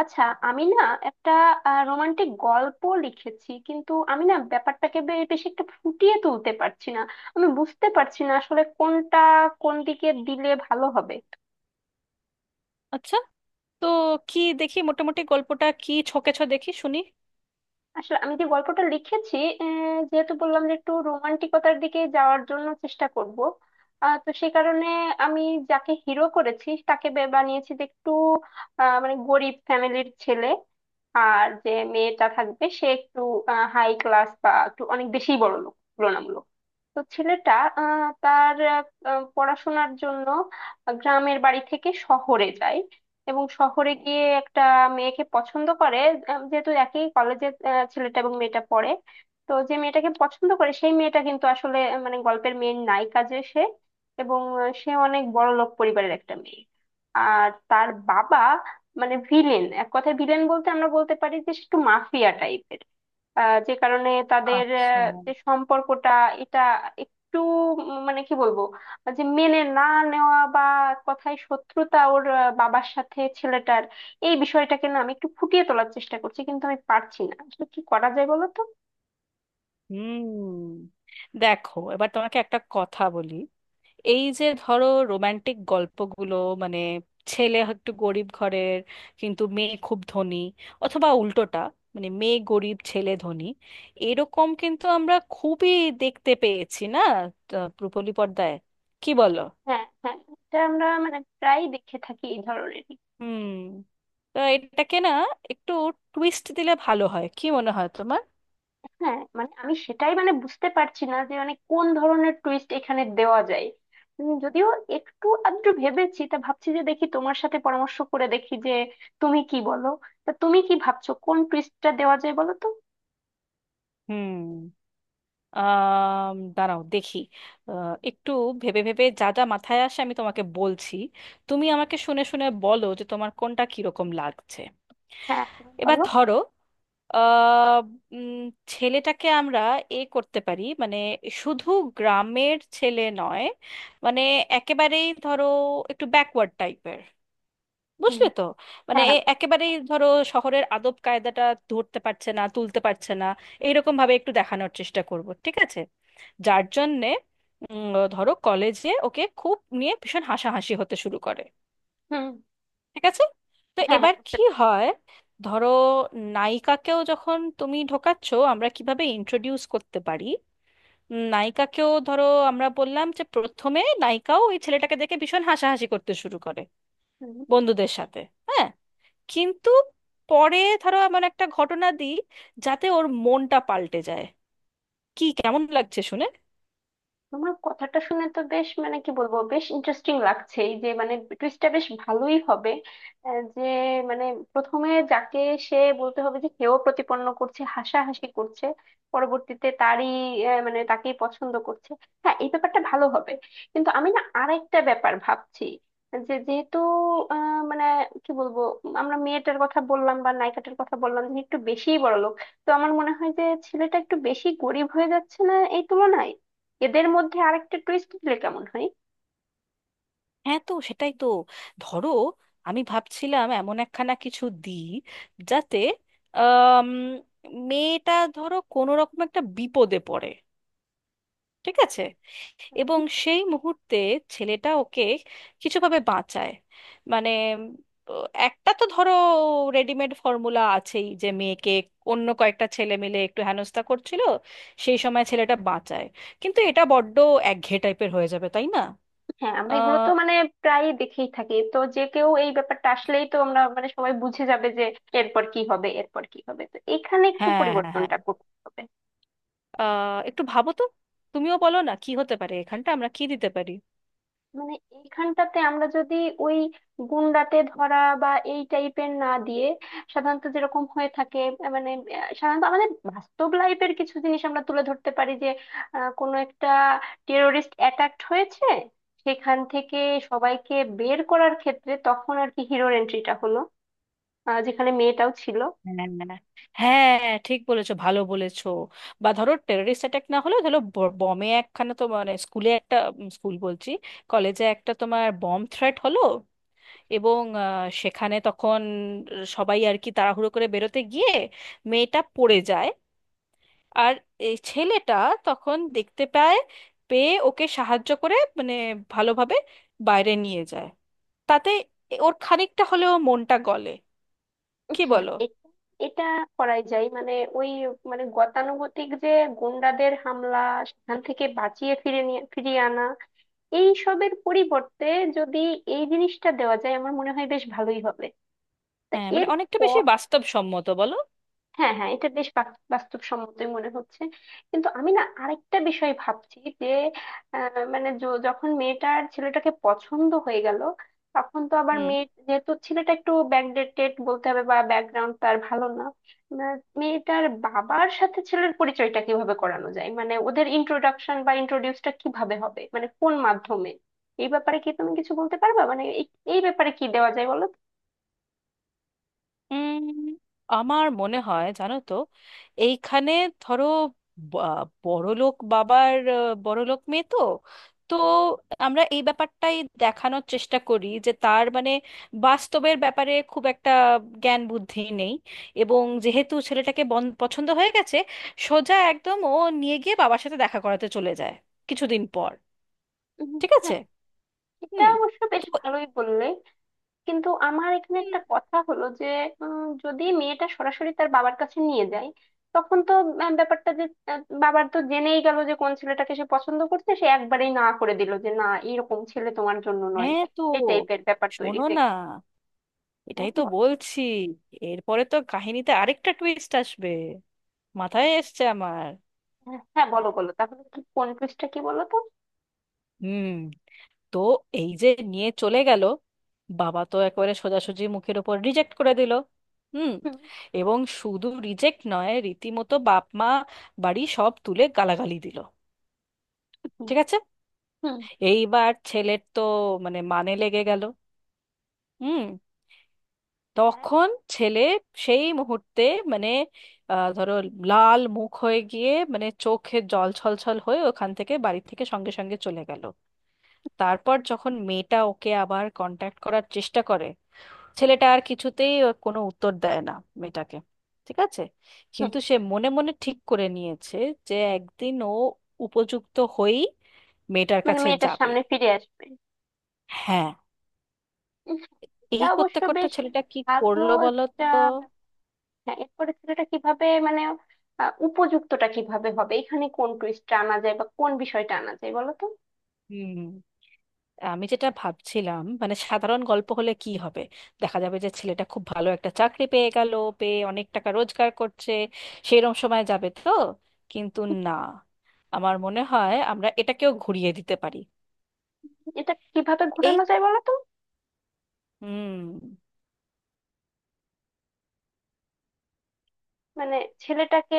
আচ্ছা। আমি না একটা রোমান্টিক গল্প লিখেছি, কিন্তু আমি না ব্যাপারটাকে বেশি একটা ফুটিয়ে তুলতে পারছি না। আমি বুঝতে পারছি না আসলে কোনটা কোন দিকে দিলে ভালো হবে। আচ্ছা। তো কি দেখি, মোটামুটি গল্পটা কি ছকেছ দেখি শুনি। আসলে আমি যে গল্পটা লিখেছি, যেহেতু বললাম যে একটু রোমান্টিকতার দিকে যাওয়ার জন্য চেষ্টা করব, তো সেই কারণে আমি যাকে হিরো করেছি তাকে বানিয়েছি যে একটু মানে গরিব ফ্যামিলির ছেলে। আর যে মেয়েটা থাকবে সে একটু হাই ক্লাস বা একটু অনেক বেশি বড় লোক তুলনামূলক। তো ছেলেটা তার পড়াশোনার জন্য গ্রামের বাড়ি থেকে শহরে যায়, এবং শহরে গিয়ে একটা মেয়েকে পছন্দ করে। যেহেতু একই কলেজে ছেলেটা এবং মেয়েটা পড়ে, তো যে মেয়েটাকে পছন্দ করে সেই মেয়েটা কিন্তু আসলে মানে গল্পের মেয়ের নায়িকা যে সে, এবং সে অনেক বড় লোক পরিবারের একটা মেয়ে। আর তার বাবা মানে ভিলেন, এক কথায় ভিলেন বলতে আমরা বলতে পারি যে সে একটু মাফিয়া টাইপের। যে কারণে তাদের আচ্ছা। যে সম্পর্কটা, এটা একটু মানে কি বলবো, যে মেনে না নেওয়া বা কথায় শত্রুতা ওর বাবার সাথে ছেলেটার। এই বিষয়টাকে না আমি একটু ফুটিয়ে তোলার চেষ্টা করছি, কিন্তু আমি পারছি না। আসলে কি করা যায় বলো তো? হুম, দেখো, এবার তোমাকে একটা কথা বলি। এই যে ধরো রোমান্টিক গল্পগুলো, মানে ছেলে একটু গরিব ঘরের কিন্তু মেয়ে খুব ধনী, অথবা উল্টোটা, মানে মেয়ে গরিব ছেলে ধনী, এরকম কিন্তু আমরা খুবই দেখতে পেয়েছি না রূপলী পর্দায়, কি বলো? হ্যাঁ হ্যাঁ, এটা আমরা মানে প্রায়ই দেখে থাকি এই ধরনের। হুম। তো এটাকে না একটু টুইস্ট দিলে ভালো হয়, কি মনে হয় তোমার? হ্যাঁ মানে আমি সেটাই মানে বুঝতে পারছি না যে মানে কোন ধরনের টুইস্ট এখানে দেওয়া যায়। যদিও একটু আধটু ভেবেছি, তা ভাবছি যে দেখি তোমার সাথে পরামর্শ করে দেখি যে তুমি কি বলো। তা তুমি কি ভাবছো কোন টুইস্টটা দেওয়া যায় বলো তো? হুম। আম, দাঁড়াও দেখি। একটু ভেবে ভেবে যা যা মাথায় আসে আমি তোমাকে বলছি, তুমি আমাকে শুনে শুনে বলো যে তোমার কোনটা কিরকম লাগছে। হ্যাঁ তুমি এবার বলো। ধরো, আহ, উম, ছেলেটাকে আমরা এ করতে পারি, মানে শুধু গ্রামের ছেলে নয়, মানে একেবারেই ধরো একটু ব্যাকওয়ার্ড টাইপের, হুম। বুঝলে তো? মানে হ্যাঁ হ্যাঁ একেবারেই ধরো শহরের আদব কায়দাটা ধরতে পারছে না, তুলতে পারছে না, এইরকম ভাবে একটু দেখানোর চেষ্টা করব। ঠিক আছে? হ্যাঁ। যার হ্যাঁ জন্যে ধরো কলেজে ওকে খুব নিয়ে ভীষণ হাসাহাসি হতে শুরু করে। হুম। ঠিক আছে? তো হ্যাঁ হ্যাঁ এবার বুঝতে কি হয়, ধরো নায়িকাকেও যখন তুমি ঢোকাচ্ছ আমরা কিভাবে ইন্ট্রোডিউস করতে পারি? নায়িকাকেও ধরো আমরা বললাম যে প্রথমে নায়িকাও ওই ছেলেটাকে দেখে ভীষণ হাসাহাসি করতে শুরু করে পারছি। বন্ধুদের সাথে। হ্যাঁ, কিন্তু পরে ধরো এমন একটা ঘটনা দিই যাতে ওর মনটা পাল্টে যায়। কি কেমন লাগছে শুনে? তোমার কথাটা শুনে তো বেশ, মানে কি বলবো, বেশ ইন্টারেস্টিং লাগছে, এই যে মানে টুইস্টটা বেশ ভালোই হবে। যে মানে প্রথমে যাকে সে বলতে হবে যে সেও প্রতিপন্ন করছে হাসাহাসি করছে, পরবর্তীতে তারই মানে তাকেই পছন্দ করছে। হ্যাঁ এই ব্যাপারটা ভালো হবে। কিন্তু আমি না আরেকটা ব্যাপার ভাবছি, যে যেহেতু মানে কি বলবো, আমরা মেয়েটার কথা বললাম বা নায়িকাটার কথা বললাম যে একটু বেশিই বড়লোক, তো আমার মনে হয় যে ছেলেটা একটু বেশি গরিব হয়ে যাচ্ছে না এই তুলনায়? এদের মধ্যে আরেকটা টুইস্ট দিলে কেমন হয়? হ্যাঁ তো সেটাই তো। ধরো আমি ভাবছিলাম এমন একখানা কিছু দিই যাতে, আম, মেয়েটা ধরো কোনো রকম একটা বিপদে পড়ে, ঠিক আছে, এবং হুম। সেই মুহূর্তে ছেলেটা ওকে কিছুভাবে বাঁচায়। মানে একটা তো ধরো রেডিমেড ফর্মুলা আছেই যে মেয়েকে অন্য কয়েকটা ছেলে মিলে একটু হেনস্থা করছিল, সেই সময় ছেলেটা বাঁচায়। কিন্তু এটা বড্ড একঘেয়ে টাইপের হয়ে যাবে, তাই না? হ্যাঁ আমরা এগুলো আহ, তো মানে প্রায় দেখেই থাকি তো, যে কেউ এই ব্যাপারটা আসলেই তো আমরা মানে সবাই বুঝে যাবে যে এরপর কি হবে এরপর কি হবে। তো এখানে একটু হ্যাঁ হ্যাঁ হ্যাঁ, পরিবর্তনটা করতে হবে। একটু ভাবো তো, তুমিও বলো না কি হতে পারে, এখানটা আমরা কি দিতে পারি? মানে এইখানটাতে আমরা যদি ওই গুন্ডাতে ধরা বা এই টাইপের না দিয়ে, সাধারণত যেরকম হয়ে থাকে মানে সাধারণত আমাদের বাস্তব লাইফের কিছু জিনিস আমরা তুলে ধরতে পারি, যে কোনো একটা টেরোরিস্ট অ্যাটাক হয়েছে, সেখান থেকে সবাইকে বের করার ক্ষেত্রে তখন আর কি হিরোর এন্ট্রিটা হলো, যেখানে মেয়েটাও ছিল। হ্যাঁ হ্যাঁ, ঠিক বলেছো, ভালো বলেছো। বা ধরো টেররিস্ট অ্যাটাক না হলেও ধরো বমে একখানা, তো মানে স্কুলে একটা, স্কুল বলছি, কলেজে একটা তোমার বম থ্রেট হলো। এবং সেখানে তখন সবাই আর কি তাড়াহুড়ো করে বেরোতে গিয়ে মেয়েটা পড়ে যায়, আর এই ছেলেটা তখন দেখতে পায়, পেয়ে ওকে সাহায্য করে, মানে ভালোভাবে বাইরে নিয়ে যায়। তাতে ওর খানিকটা হলেও মনটা গলে। কি হ্যাঁ বলো? এটা করাই যায়। মানে ওই মানে গতানুগতিক যে গুন্ডাদের হামলা, সেখান থেকে বাঁচিয়ে ফিরে নিয়ে ফিরিয়ে আনা, এই সবের পরিবর্তে যদি এই জিনিসটা দেওয়া যায় আমার মনে হয় বেশ ভালোই হবে। তা হ্যাঁ, মানে এর অনেকটা বেশি বাস্তবসম্মত, বলো? হ্যাঁ হ্যাঁ, এটা বেশ বাস্তবসম্মতই মনে হচ্ছে। কিন্তু আমি না আরেকটা বিষয় ভাবছি যে মানে যখন মেয়েটার ছেলেটাকে পছন্দ হয়ে গেল, তখন তো আবার হুম। মেয়ে যেহেতু ছেলেটা একটু ব্যাকডেটেড বলতে হবে বা ব্যাকগ্রাউন্ড তার ভালো না, না, মেয়েটার বাবার সাথে ছেলের পরিচয়টা কিভাবে করানো যায়? মানে ওদের ইন্ট্রোডাকশন বা ইন্ট্রোডিউসটা কিভাবে হবে, মানে কোন মাধ্যমে? এই ব্যাপারে কি তুমি কিছু বলতে পারবা, মানে এই এই ব্যাপারে কি দেওয়া যায় বলো তো? উম, আমার মনে হয় জানো তো, এইখানে ধরো, বা- বড়লোক বাবার বড়লোক মেয়ে তো, তো আমরা এই ব্যাপারটাই দেখানোর চেষ্টা করি যে তার মানে বাস্তবের ব্যাপারে খুব একটা জ্ঞান বুদ্ধি নেই। এবং যেহেতু ছেলেটাকে পছন্দ হয়ে গেছে, সোজা একদম ও নিয়ে গিয়ে বাবার সাথে দেখা করাতে চলে যায় কিছুদিন পর। উম, ঠিক আছে? হ্যাঁ এটা হুম, অবশ্য বেশ তো ভালোই বললে। কিন্তু আমার এখানে হুম, একটা কথা হলো যে যদি মেয়েটা সরাসরি তার বাবার কাছে নিয়ে যায়, তখন তো ব্যাপারটা যে বাবার তো জেনেই গেল যে কোন ছেলেটাকে সে পছন্দ করছে, সে একবারেই না করে দিল যে না এরকম ছেলে তোমার জন্য নয়। হ্যাঁ। তো এই টাইপের ব্যাপার তৈরি শোনো হয়ে না, গেল। হ্যাঁ এটাই তো বলো। বলছি, এরপরে তো কাহিনীতে আরেকটা টুইস্ট আসবে, মাথায় এসছে আমার। হ্যাঁ হ্যাঁ, বলো বলো তাহলে কি কোন পৃষ্ঠা কি বলো তো? হুম, তো এই যে নিয়ে চলে গেল, বাবা তো একেবারে সোজাসুজি মুখের ওপর রিজেক্ট করে দিল। হুম। হুম। এবং শুধু রিজেক্ট নয়, রীতিমতো বাপ মা বাড়ি সব তুলে গালাগালি দিল। হুম। ঠিক আছে? হুম। এইবার ছেলের তো মানে মানে লেগে গেল। হুম। হ্যাঁ। তখন ছেলে সেই মুহূর্তে মানে, ধরো লাল মুখ হয়ে গিয়ে মানে চোখে জল ছলছল হয়ে ওখান থেকে, বাড়ি থেকে সঙ্গে সঙ্গে চলে গেল। তারপর যখন মেয়েটা ওকে আবার কন্ট্যাক্ট করার চেষ্টা করে, ছেলেটা আর কিছুতেই ওর কোনো উত্তর দেয় না মেয়েটাকে। ঠিক আছে? হুম। কিন্তু সে মনে মনে ঠিক করে নিয়েছে যে একদিন ও উপযুক্ত হয়েই মেয়েটার মানে কাছে মেয়েটার যাবে। সামনে ফিরে আসবে। হ্যাঁ। উম, এটা এই করতে অবশ্য করতে বেশ ছেলেটা কি ভালো করলো বলো তো? একটা। হ্যাঁ এরপরে ছেলেটা কিভাবে মানে উপযুক্তটা কিভাবে হবে, এখানে কোন টুইস্টটা আনা যায় বা কোন বিষয়টা আনা যায় বলো তো? হুম, আমি যেটা ভাবছিলাম, মানে সাধারণ গল্প হলে কি হবে, দেখা যাবে যে ছেলেটা খুব ভালো একটা চাকরি পেয়ে গেল, পেয়ে অনেক টাকা রোজগার করছে, সেরম সময় যাবে তো। কিন্তু না, আমার মনে হয় আমরা এটাকেও ঘুরিয়ে দিতে পারি। এটা কিভাবে এই, ঘোরানো যায় বলো তো? হুম, মানে ছেলেটাকে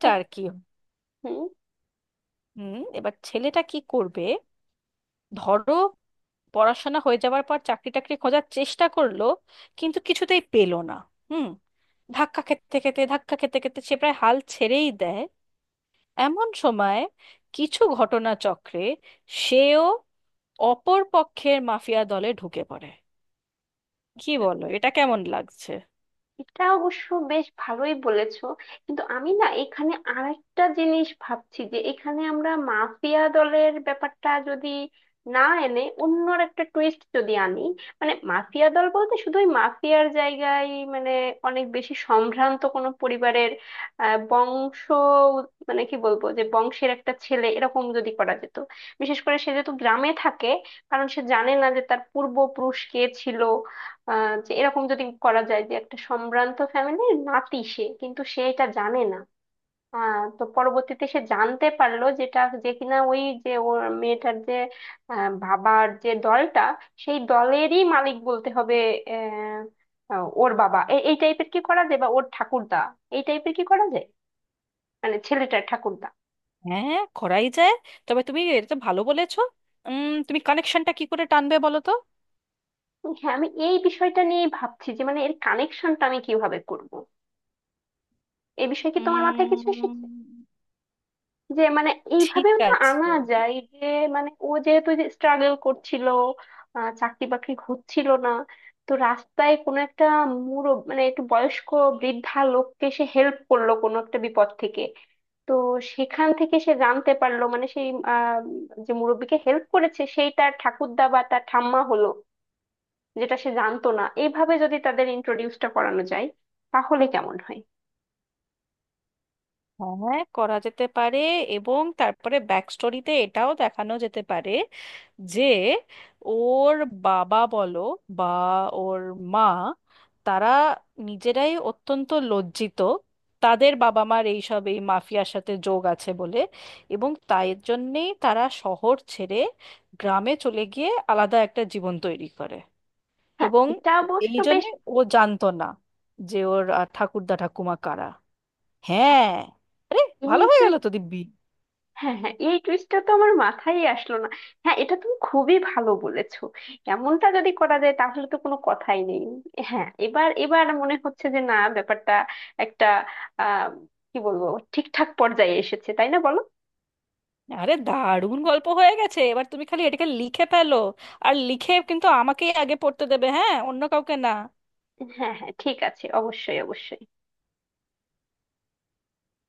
কি কি, হুম। হুম, এবার ছেলেটা কি করবে? ধরো পড়াশোনা হয়ে যাওয়ার পর চাকরি টাকরি খোঁজার চেষ্টা করলো কিন্তু কিছুতেই পেলো না। হুম, ধাক্কা খেতে খেতে ধাক্কা খেতে খেতে সে প্রায় হাল ছেড়েই দেয়। এমন সময় কিছু ঘটনাচক্রে সেও অপর পক্ষের মাফিয়া দলে ঢুকে পড়ে। কি বলো, এটা কেমন লাগছে? এটা অবশ্য বেশ ভালোই বলেছো। কিন্তু আমি না এখানে আরেকটা জিনিস ভাবছি, যে এখানে আমরা মাফিয়া দলের ব্যাপারটা যদি না এনে অন্যর একটা টুইস্ট যদি আনি, মানে মাফিয়া দল বলতে শুধুই মাফিয়ার জায়গায় মানে অনেক বেশি সম্ভ্রান্ত কোনো পরিবারের বংশ, মানে কি বলবো, যে বংশের একটা ছেলে এরকম যদি করা যেত। বিশেষ করে সে যেহেতু গ্রামে থাকে, কারণ সে জানে না যে তার পূর্বপুরুষ কে ছিল। যে এরকম যদি করা যায় যে একটা সম্ভ্রান্ত ফ্যামিলির নাতি সে, কিন্তু সে এটা জানে না। তো পরবর্তীতে সে জানতে পারলো, যেটা যে কিনা ওই যে ওর মেয়েটার যে বাবার যে দলটা, সেই দলেরই মালিক বলতে হবে। আহ আহ, ওর বাবা এই টাইপের কি করা যায় বা ওর ঠাকুরদা, এই টাইপের কি করা যায়, মানে ছেলেটার ঠাকুরদা। হ্যাঁ, করাই যায়, তবে তুমি এটা তো ভালো বলেছো। উম, তুমি কানেকশনটা কি করে টানবে বলো তো? হ্যাঁ আমি এই বিষয়টা নিয়ে ভাবছি যে মানে এর কানেকশনটা আমি কিভাবে করব, এই বিষয়ে কি তোমার মাথায় কিছু উম, এসেছে? যে মানে ঠিক এইভাবেও তো আনা আছে, যায় যে মানে ও যেহেতু যে স্ট্রাগল করছিল, চাকরি বাকরি হচ্ছিল না, তো রাস্তায় কোনো একটা মানে একটু বয়স্ক বৃদ্ধা লোককে সে হেল্প করলো কোনো একটা বিপদ থেকে। তো সেখান থেকে সে জানতে পারলো মানে সেই যে মুরব্বিকে হেল্প করেছে সেই তার ঠাকুরদা বা তার ঠাম্মা হলো, যেটা সে জানতো না। এইভাবে যদি তাদের ইন্ট্রোডিউসটা করানো যায় তাহলে কেমন হয়? হ্যাঁ করা যেতে পারে। এবং তারপরে ব্যাক স্টোরিতে এটাও দেখানো যেতে পারে যে ওর বাবা বলো বা ওর মা, তারা নিজেরাই অত্যন্ত লজ্জিত তাদের বাবা মার এইসব এই মাফিয়ার সাথে যোগ আছে বলে। এবং তাই জন্যেই তারা শহর ছেড়ে গ্রামে চলে গিয়ে আলাদা একটা জীবন তৈরি করে। হ্যাঁ এবং এটা অবশ্য এই বেশ। জন্যে ও জানতো না যে ওর ঠাকুরদা ঠাকুমা কারা। হ্যাঁ, আরে ভালো হয়ে গেল তো দিব্যি। হ্যাঁ হ্যাঁ এই টুইস্টটা তো আমার মাথায় আসলো না। হ্যাঁ এটা তুমি খুবই ভালো বলেছো। এমনটা যদি করা যায় তাহলে তো কোনো কথাই নেই। হ্যাঁ, এবার এবার মনে হচ্ছে যে না, ব্যাপারটা একটা আহ কি বলবো, ঠিকঠাক পর্যায়ে এসেছে, তাই না বলো? আরে দারুণ গল্প হয়ে গেছে, এবার তুমি খালি এটাকে লিখে ফেলো। আর লিখে কিন্তু আমাকেই আগে পড়তে দেবে, হ্যাঁ, অন্য কাউকে না। হ্যাঁ হ্যাঁ ঠিক আছে, অবশ্যই অবশ্যই।